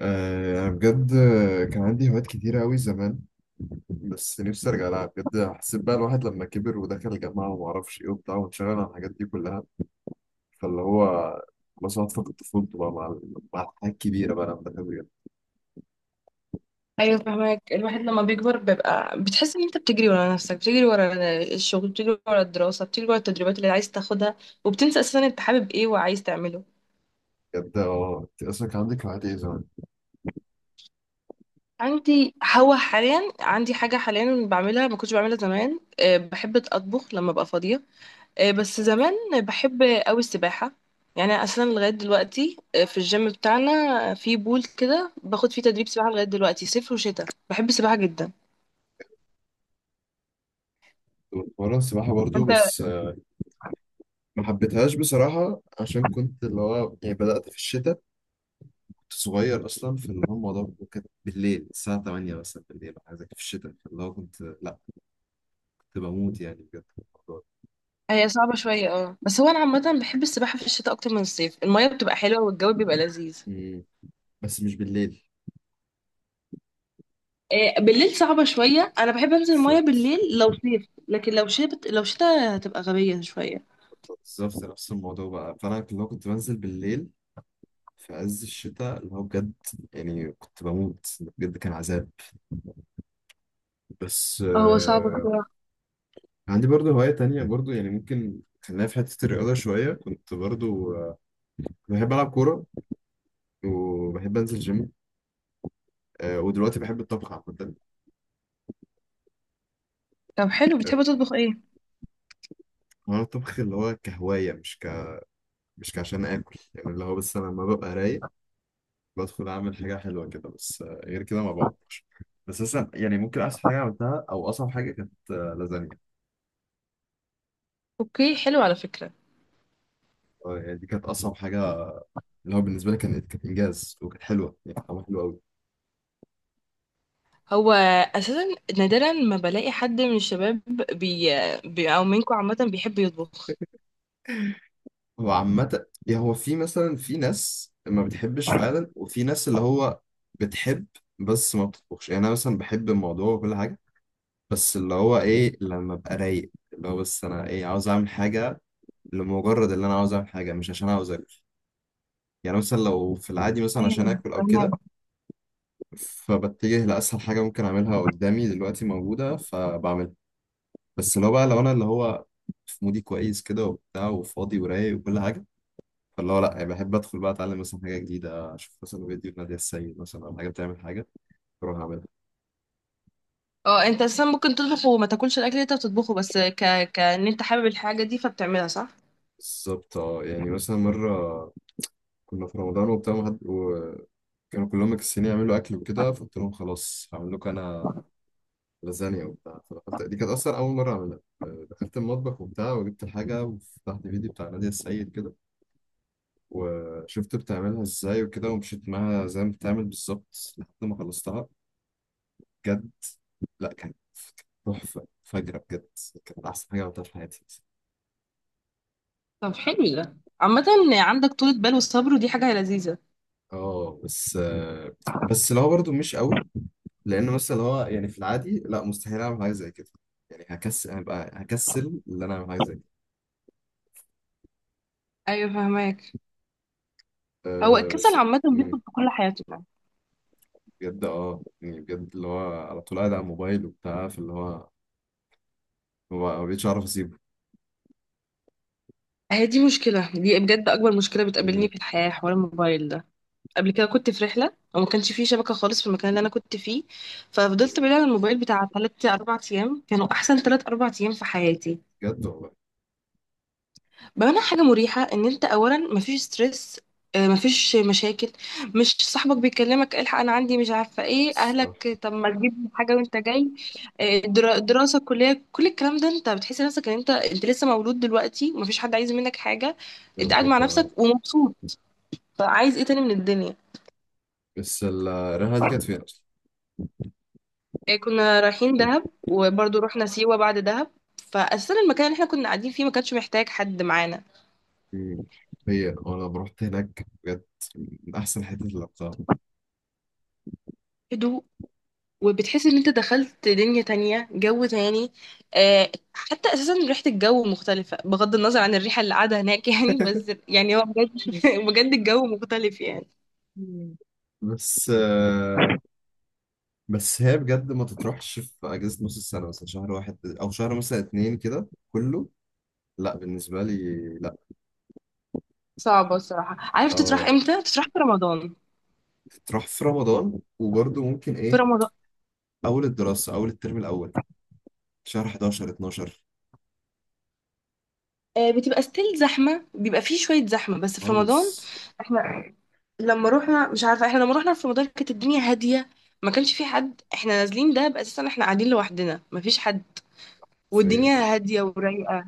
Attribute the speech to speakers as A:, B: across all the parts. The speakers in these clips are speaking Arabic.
A: أنا بجد كان عندي هوايات كتيرة أوي زمان، بس نفسي أرجع لها بجد. حسيت بقى الواحد لما كبر ودخل الجامعة ومعرفش إيه وبتاع وانشغل عن الحاجات دي كلها، فاللي هو خلاص واحد فقد طفولته بقى مع الحاجات الكبيرة بقى لما كبر.
B: ايوه فهمك. الواحد لما بيكبر بيبقى بتحس ان انت بتجري ورا نفسك، بتجري ورا الشغل، بتجري ورا الدراسه، بتجري ورا التدريبات اللي عايز تاخدها، وبتنسى اساسا انت حابب ايه وعايز تعمله.
A: بجد أه أنت أصلا كان عندك هوايات إيه زمان؟
B: عندي هو حاليا عندي حاجه حاليا بعملها ما كنتش بعملها زمان، بحب اطبخ لما ابقى فاضيه. بس زمان بحب قوي السباحه. يعني أنا اساسا لغايه دلوقتي، في الجيم بتاعنا في بول كده باخد فيه تدريب سباحه لغايه دلوقتي، صيف وشتاء بحب السباحه جدا.
A: كنت بتمرن سباحة برضو
B: انت
A: بس ما حبيتهاش بصراحة، عشان كنت اللي هو يعني بدأت في الشتاء، كنت صغير أصلا. في اللي هو الموضوع كان بالليل الساعة 8 مثلا بالليل أو حاجة زي كده في الشتاء، فاللي هو كنت لأ، كنت بموت يعني بجد.
B: هي صعبة شوية، اه، بس هو انا عامة بحب السباحة في الشتاء اكتر من الصيف، المية بتبقى حلوة والجو بيبقى لذيذ.
A: مم. بس مش بالليل.
B: بالليل صعبة شوية، انا بحب انزل المية
A: بالظبط،
B: بالليل لو صيف، لكن لو شتاء، لو شتاء هتبقى غبية شوية.
A: بالظبط نفس الموضوع بقى. فانا لو كنت بنزل بالليل في عز الشتاء اللي هو بجد يعني كنت بموت بجد، كان عذاب. بس
B: هو صعب بصراحة.
A: عندي برضو هواية تانية برضو. يعني ممكن خلينا في حتة الرياضة شوية، كنت برضو آه بحب ألعب كورة وبحب أنزل جيم. ودلوقتي بحب الطبخ عامة.
B: طب حلو،
A: آه،
B: بتحب تطبخ ايه؟
A: هو الطبخ اللي هو كهواية، مش كعشان آكل، يعني اللي هو بس أنا لما ببقى رايق بدخل اعمل حاجه حلوه كده. بس غير كده ما بعرفش. بس مثلا يعني ممكن احسن حاجه عملتها او اصعب حاجه كانت لازانيا.
B: اوكي حلو على فكرة.
A: يعني دي كانت اصعب حاجه، اللي هو بالنسبه لي كانت انجاز وكانت حلوه، يعني كانت طعمها حلو قوي.
B: هو اساسا نادرا ما بلاقي حد من الشباب بي... او منكم عامة بيحب يطبخ.
A: هو عامه يعني هو في مثلا في ناس ما بتحبش فعلا، وفي ناس اللي هو بتحب بس ما بتطبخش. يعني انا مثلا بحب الموضوع وكل حاجه، بس اللي هو ايه لما ابقى رايق، اللي هو بس انا ايه عاوز اعمل حاجه لمجرد اللي انا عاوز اعمل حاجه، مش عشان عاوز اكل. يعني مثلا لو في العادي مثلا عشان
B: ايوه
A: اكل او كده،
B: فهمك.
A: فبتجه لأسهل حاجة ممكن أعملها قدامي دلوقتي موجودة فبعملها. بس لو بقى لو أنا اللي هو في مودي كويس كده وبتاع وفاضي ورايق وكل حاجة، فاللي هو لأ، يعني بحب أدخل بقى أتعلم مثلا حاجة جديدة، أشوف مثلا فيديو نادية السيد مثلا أو حاجة بتعمل حاجة أروح أعملها.
B: اه انت اساسا ممكن تطبخ وما تاكلش الاكل اللي انت بتطبخه، بس كان انت حابب الحاجة دي فبتعملها، صح؟
A: بالظبط أه. يعني مثلا مرة كنا في رمضان وبتاع وحد، وكانوا كلهم مكسلين يعملوا أكل وكده، فقلت لهم خلاص هعمل لكم أنا لازانيا وبتاع. فدخلت، دي كانت أصلا أول مرة أعملها. دخلت المطبخ وبتاع، وجبت الحاجة وفتحت فيديو بتاع نادية السيد كده، وشفت بتعملها ازاي وكده، ومشيت معاها زي ما بتعمل بالظبط لحد ما خلصتها. بجد، لا كانت تحفة فجرة بجد، كانت أحسن حاجة عملتها في حياتي.
B: طب حلو، ده عامة عندك طولة بال والصبر ودي حاجة لذيذة.
A: اه بس بس لو برضو مش قوي، لأن مثلا هو يعني في العادي لا مستحيل أعمل حاجة زي كده، يعني هكسل، هبقى هكسل إن أنا أعمل حاجة زي كده.
B: ايوه فهماك. هو
A: أه
B: الكسل
A: بس
B: عامة
A: مم،
B: بيدخل في كل حياتنا يعني.
A: بجد اه يعني بجد اللي هو على طول قاعد على الموبايل وبتاع، فاللي هو هو ما بقتش أعرف أسيبه.
B: هي دي مشكلة، دي بجد أكبر مشكلة
A: مم،
B: بتقابلني في الحياة، حوار الموبايل ده. قبل كده كنت في رحلة وما كانش فيه شبكة خالص في المكان اللي أنا كنت فيه، ففضلت بعيدة عن الموبايل بتاع تلات أربع أيام، كانوا أحسن تلات أربع أيام في حياتي.
A: بجد والله.
B: بمعنى حاجة مريحة، ان انت اولا مفيش ستريس، مفيش مشاكل، مش صاحبك بيكلمك الحق انا عندي مش عارفة ايه،
A: الصراحة
B: اهلك طب ما تجيب حاجة وانت جاي، دراسة كلية كل الكلام ده، انت بتحس نفسك ان انت لسه مولود دلوقتي ومفيش حد عايز منك حاجة. انت قاعد مع
A: بجد
B: نفسك
A: آه.
B: ومبسوط، فعايز ايه تاني من الدنيا؟
A: بس الرحلة دي كانت فين أصلا؟
B: كنا رايحين دهب وبرضه رحنا سيوة بعد دهب، فأساسا المكان اللي احنا كنا قاعدين فيه ما كانش محتاج حد معانا.
A: مم. هي وأنا لما رحت هناك بجد من أحسن حتة اللي رحتها.
B: هدوء، وبتحس ان انت دخلت دنيا تانية، جو تاني. آه، حتى اساسا ريحة الجو مختلفة بغض النظر عن الريحة اللي قاعدة هناك يعني، بس يعني هو بجد بجد الجو مختلف يعني.
A: مم. بس بس هي بجد ما تتروحش في أجازة نص السنة مثلا، شهر واحد أو شهر مثلا اتنين كده كله، لا بالنسبة لي، لا.
B: صعبة الصراحة. عارف تطرح
A: اه
B: امتى؟ تطرح في رمضان.
A: تتروح في رمضان، وبرضه ممكن
B: في
A: إيه
B: رمضان.
A: أول الدراسة أول الترم الأول، شهر 11 12.
B: آه بتبقى ستيل زحمة، بيبقى فيه شوية زحمة، بس في
A: خالص.
B: رمضان احنا لما روحنا مش عارفة، احنا لما روحنا في رمضان كانت الدنيا هادية، ما كانش في حد، احنا نازلين ده بأساسا احنا قاعدين لوحدنا، مفيش حد،
A: فين
B: والدنيا
A: اه.
B: هادية ورايقة.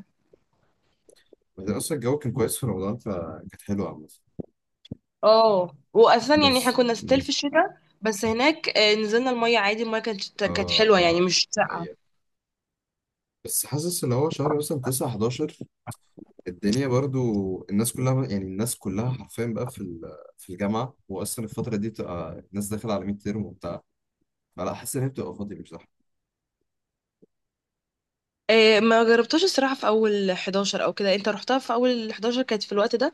A: بعدين أصلا الجو كان كويس في رمضان، فكانت حلوة عامة.
B: اه واساسا يعني احنا
A: بس
B: كنا ستيل في الشتاء، بس هناك، نزلنا الميه عادي، الميه كانت
A: اه
B: كانت حلوه يعني،
A: اه،
B: مش
A: دي
B: ساقعه.
A: حقيقة. بس حاسس اللي هو شهر مثلا 9 11 الدنيا برضو، الناس كلها يعني الناس كلها حرفيا بقى في في الجامعة، وأصلا الفترة دي بتبقى الناس داخلة على 100 ترم وبتاع، فلا حاسس إن هي بتبقى فاضية مش زحمة.
B: ما جربتهاش الصراحه. في اول 11 او كده، انت رحتها في اول 11؟ كانت في الوقت ده.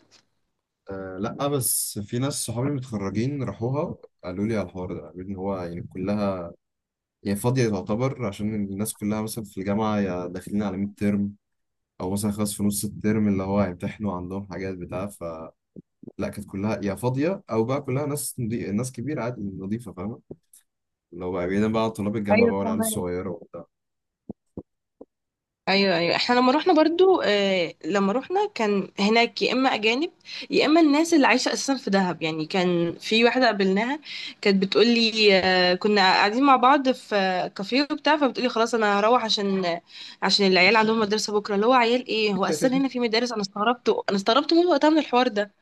A: آه لا، بس في ناس صحابي متخرجين راحوها، قالوا لي على الحوار ده، قالوا لي إن هو يعني كلها يعني فاضية تعتبر، عشان الناس كلها مثلا في الجامعة يا داخلين على 100 ترم، أو مثلا خلاص في نص الترم اللي هو هيمتحنوا عندهم حاجات بتاع. لا كانت كلها يا فاضيه او بقى كلها ناس ناس كبيره عادي، نظيفه، فاهمه، اللي هو بقى بعيدا بقى عن طلاب الجامعه
B: ايوه
A: بقى والعيال
B: فاهمة.
A: الصغيره وبتاع.
B: ايوه ايوه، احنا لما رحنا برضو، آه لما رحنا كان هناك يا اما اجانب، يا اما الناس اللي عايشه اساسا في دهب. يعني كان في واحده قابلناها كانت بتقول لي، آه كنا قاعدين مع بعض في كافيه وبتاع، فبتقولي خلاص انا هروح عشان عشان العيال عندهم مدرسه بكره، اللي هو عيال ايه؟ هو اساسا هنا في مدارس؟ انا استغربت، انا استغربت موت وقتها من الحوار ده.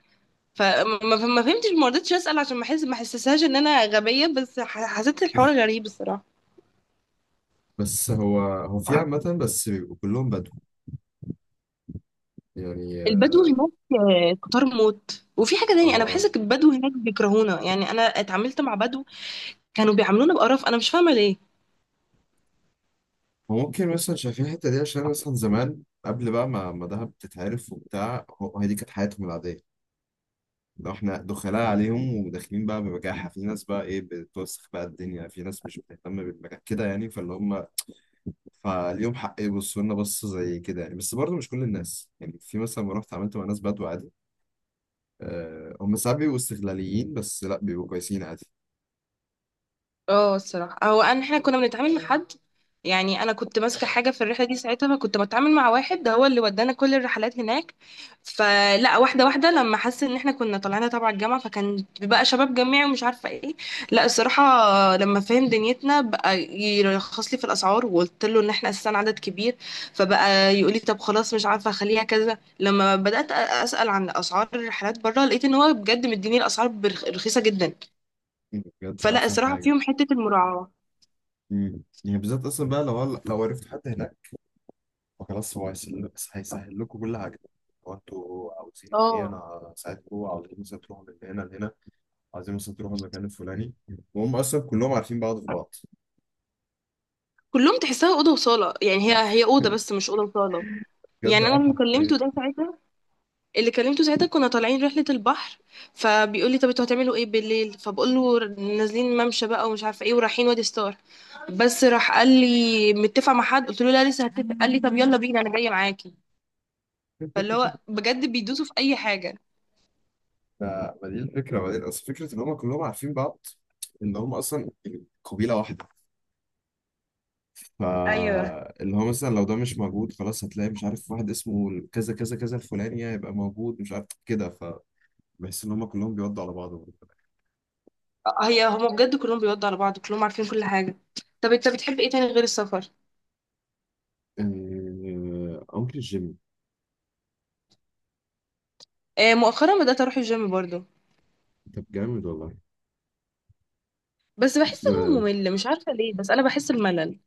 B: فما ما فهمتش، ما رضيتش اسال عشان ما احس، ما احسسهاش ان انا غبيه، بس حسيت الحوار غريب الصراحه.
A: بس هو في عامه بس بيبقوا كلهم بدو يعني.
B: البدو هناك، آه، كتار موت. وفي حاجة تانية أنا
A: اه
B: بحس إن البدو هناك بيكرهونا، يعني أنا اتعاملت مع بدو كانوا بيعاملونا بقرف، أنا مش فاهمة ليه.
A: هو ممكن مثلا شايفين الحته دي عشان مثلا زمان قبل بقى ما دهب تتعرف وبتاع، هو هي دي كانت حياتهم العاديه، لو احنا دخلاء عليهم وداخلين بقى بمجاحة. في ناس بقى ايه بتوسخ بقى الدنيا، في ناس مش بتهتم بالمجاح كده يعني، فاللي هم فاليوم حق يبصوا لنا بص زي كده يعني. بس برضه مش كل الناس، يعني في مثلا ما رحت عملت مع ناس بدو عادي. أه هم ساعات بيبقوا استغلاليين، بس لا بيبقوا كويسين عادي.
B: اه الصراحة، هو أنا احنا كنا بنتعامل مع حد، يعني أنا كنت ماسكة حاجة في الرحلة دي ساعتها، فكنت بتعامل مع واحد، ده هو اللي ودانا كل الرحلات هناك. فلا، واحدة واحدة لما حس إن احنا كنا طالعين تبع الجامعة، فكان بقى شباب جامعي ومش عارفة ايه. لا الصراحة لما فهم دنيتنا بقى يرخص لي في الأسعار، وقلت له إن احنا أساسا عدد كبير، فبقى يقول لي طب خلاص مش عارفة أخليها كذا. لما بدأت أسأل عن أسعار الرحلات بره لقيت إن هو بجد مديني الأسعار رخيصة جدا.
A: بجد
B: فلا
A: احسن
B: الصراحة
A: حاجة.
B: فيهم حتة المراعاة.
A: مم. يعني بالذات اصلا بقى لو عرفت حد هناك فخلاص، هو هيسهل، هيسهل لكم كل حاجة. هو انتوا عاوزين ايه،
B: اه
A: انا ساعدكم، عاوزين مثلا تروحوا من هنا لهنا، عايزين مثلا تروح المكان الفلاني، وهم اصلا كلهم عارفين بعض في بعض.
B: كلهم تحسها اوضه وصاله، يعني هي اوضه بس مش اوضه وصاله.
A: بجد
B: يعني انا
A: اه
B: اللي
A: حرفيا.
B: كلمته ده ساعتها، اللي كلمته ساعتها كنا طالعين رحله البحر، فبيقول لي طب انتوا هتعملوا ايه بالليل؟ فبقول له نازلين ممشى بقى ومش عارفه ايه، ورايحين وادي ستار. بس راح قال لي متفق مع حد؟ قلت له لا لسه هتفق، قال لي طب يلا بينا انا جايه معاكي. فاللي هو بجد بيدوسوا في اي حاجه.
A: ف- ما دي الفكره، بعدين اصل فكره ان هم كلهم عارفين بعض، ان هم اصلا قبيله واحده،
B: ايوه.
A: فاللي هو مثلا لو ده مش موجود خلاص، هتلاقي مش عارف واحد اسمه كذا كذا كذا الفلاني هيبقى موجود مش عارف كده، فبحس ان هم كلهم بيودوا على بعض.
B: هي هما بجد كلهم بيودوا على بعض، كلهم عارفين كل حاجة. طب انت بتحب ايه تاني غير السفر؟
A: أنكل جيمي.
B: آه مؤخرا بدأت اروح الجيم برضو،
A: طب جامد والله.
B: بس بحس ان هو
A: آه،
B: ممل، مش عارفة ليه، بس انا بحس الملل.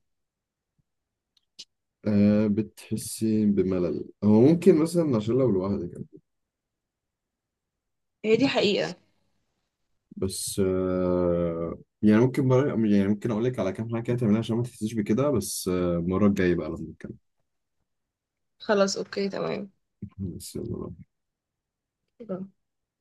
A: بتحسي بملل. هو ممكن مثلا عشان لو لوحدك.
B: هي دي حقيقة.
A: بس يعني ممكن مرة، يعني ممكن اقول لك على كام حاجه كده تعملها عشان ما تحسيش بكده. بس المره الجايه بقى لما نتكلم.
B: خلاص اوكي تمام.
A: بس يلا بقى.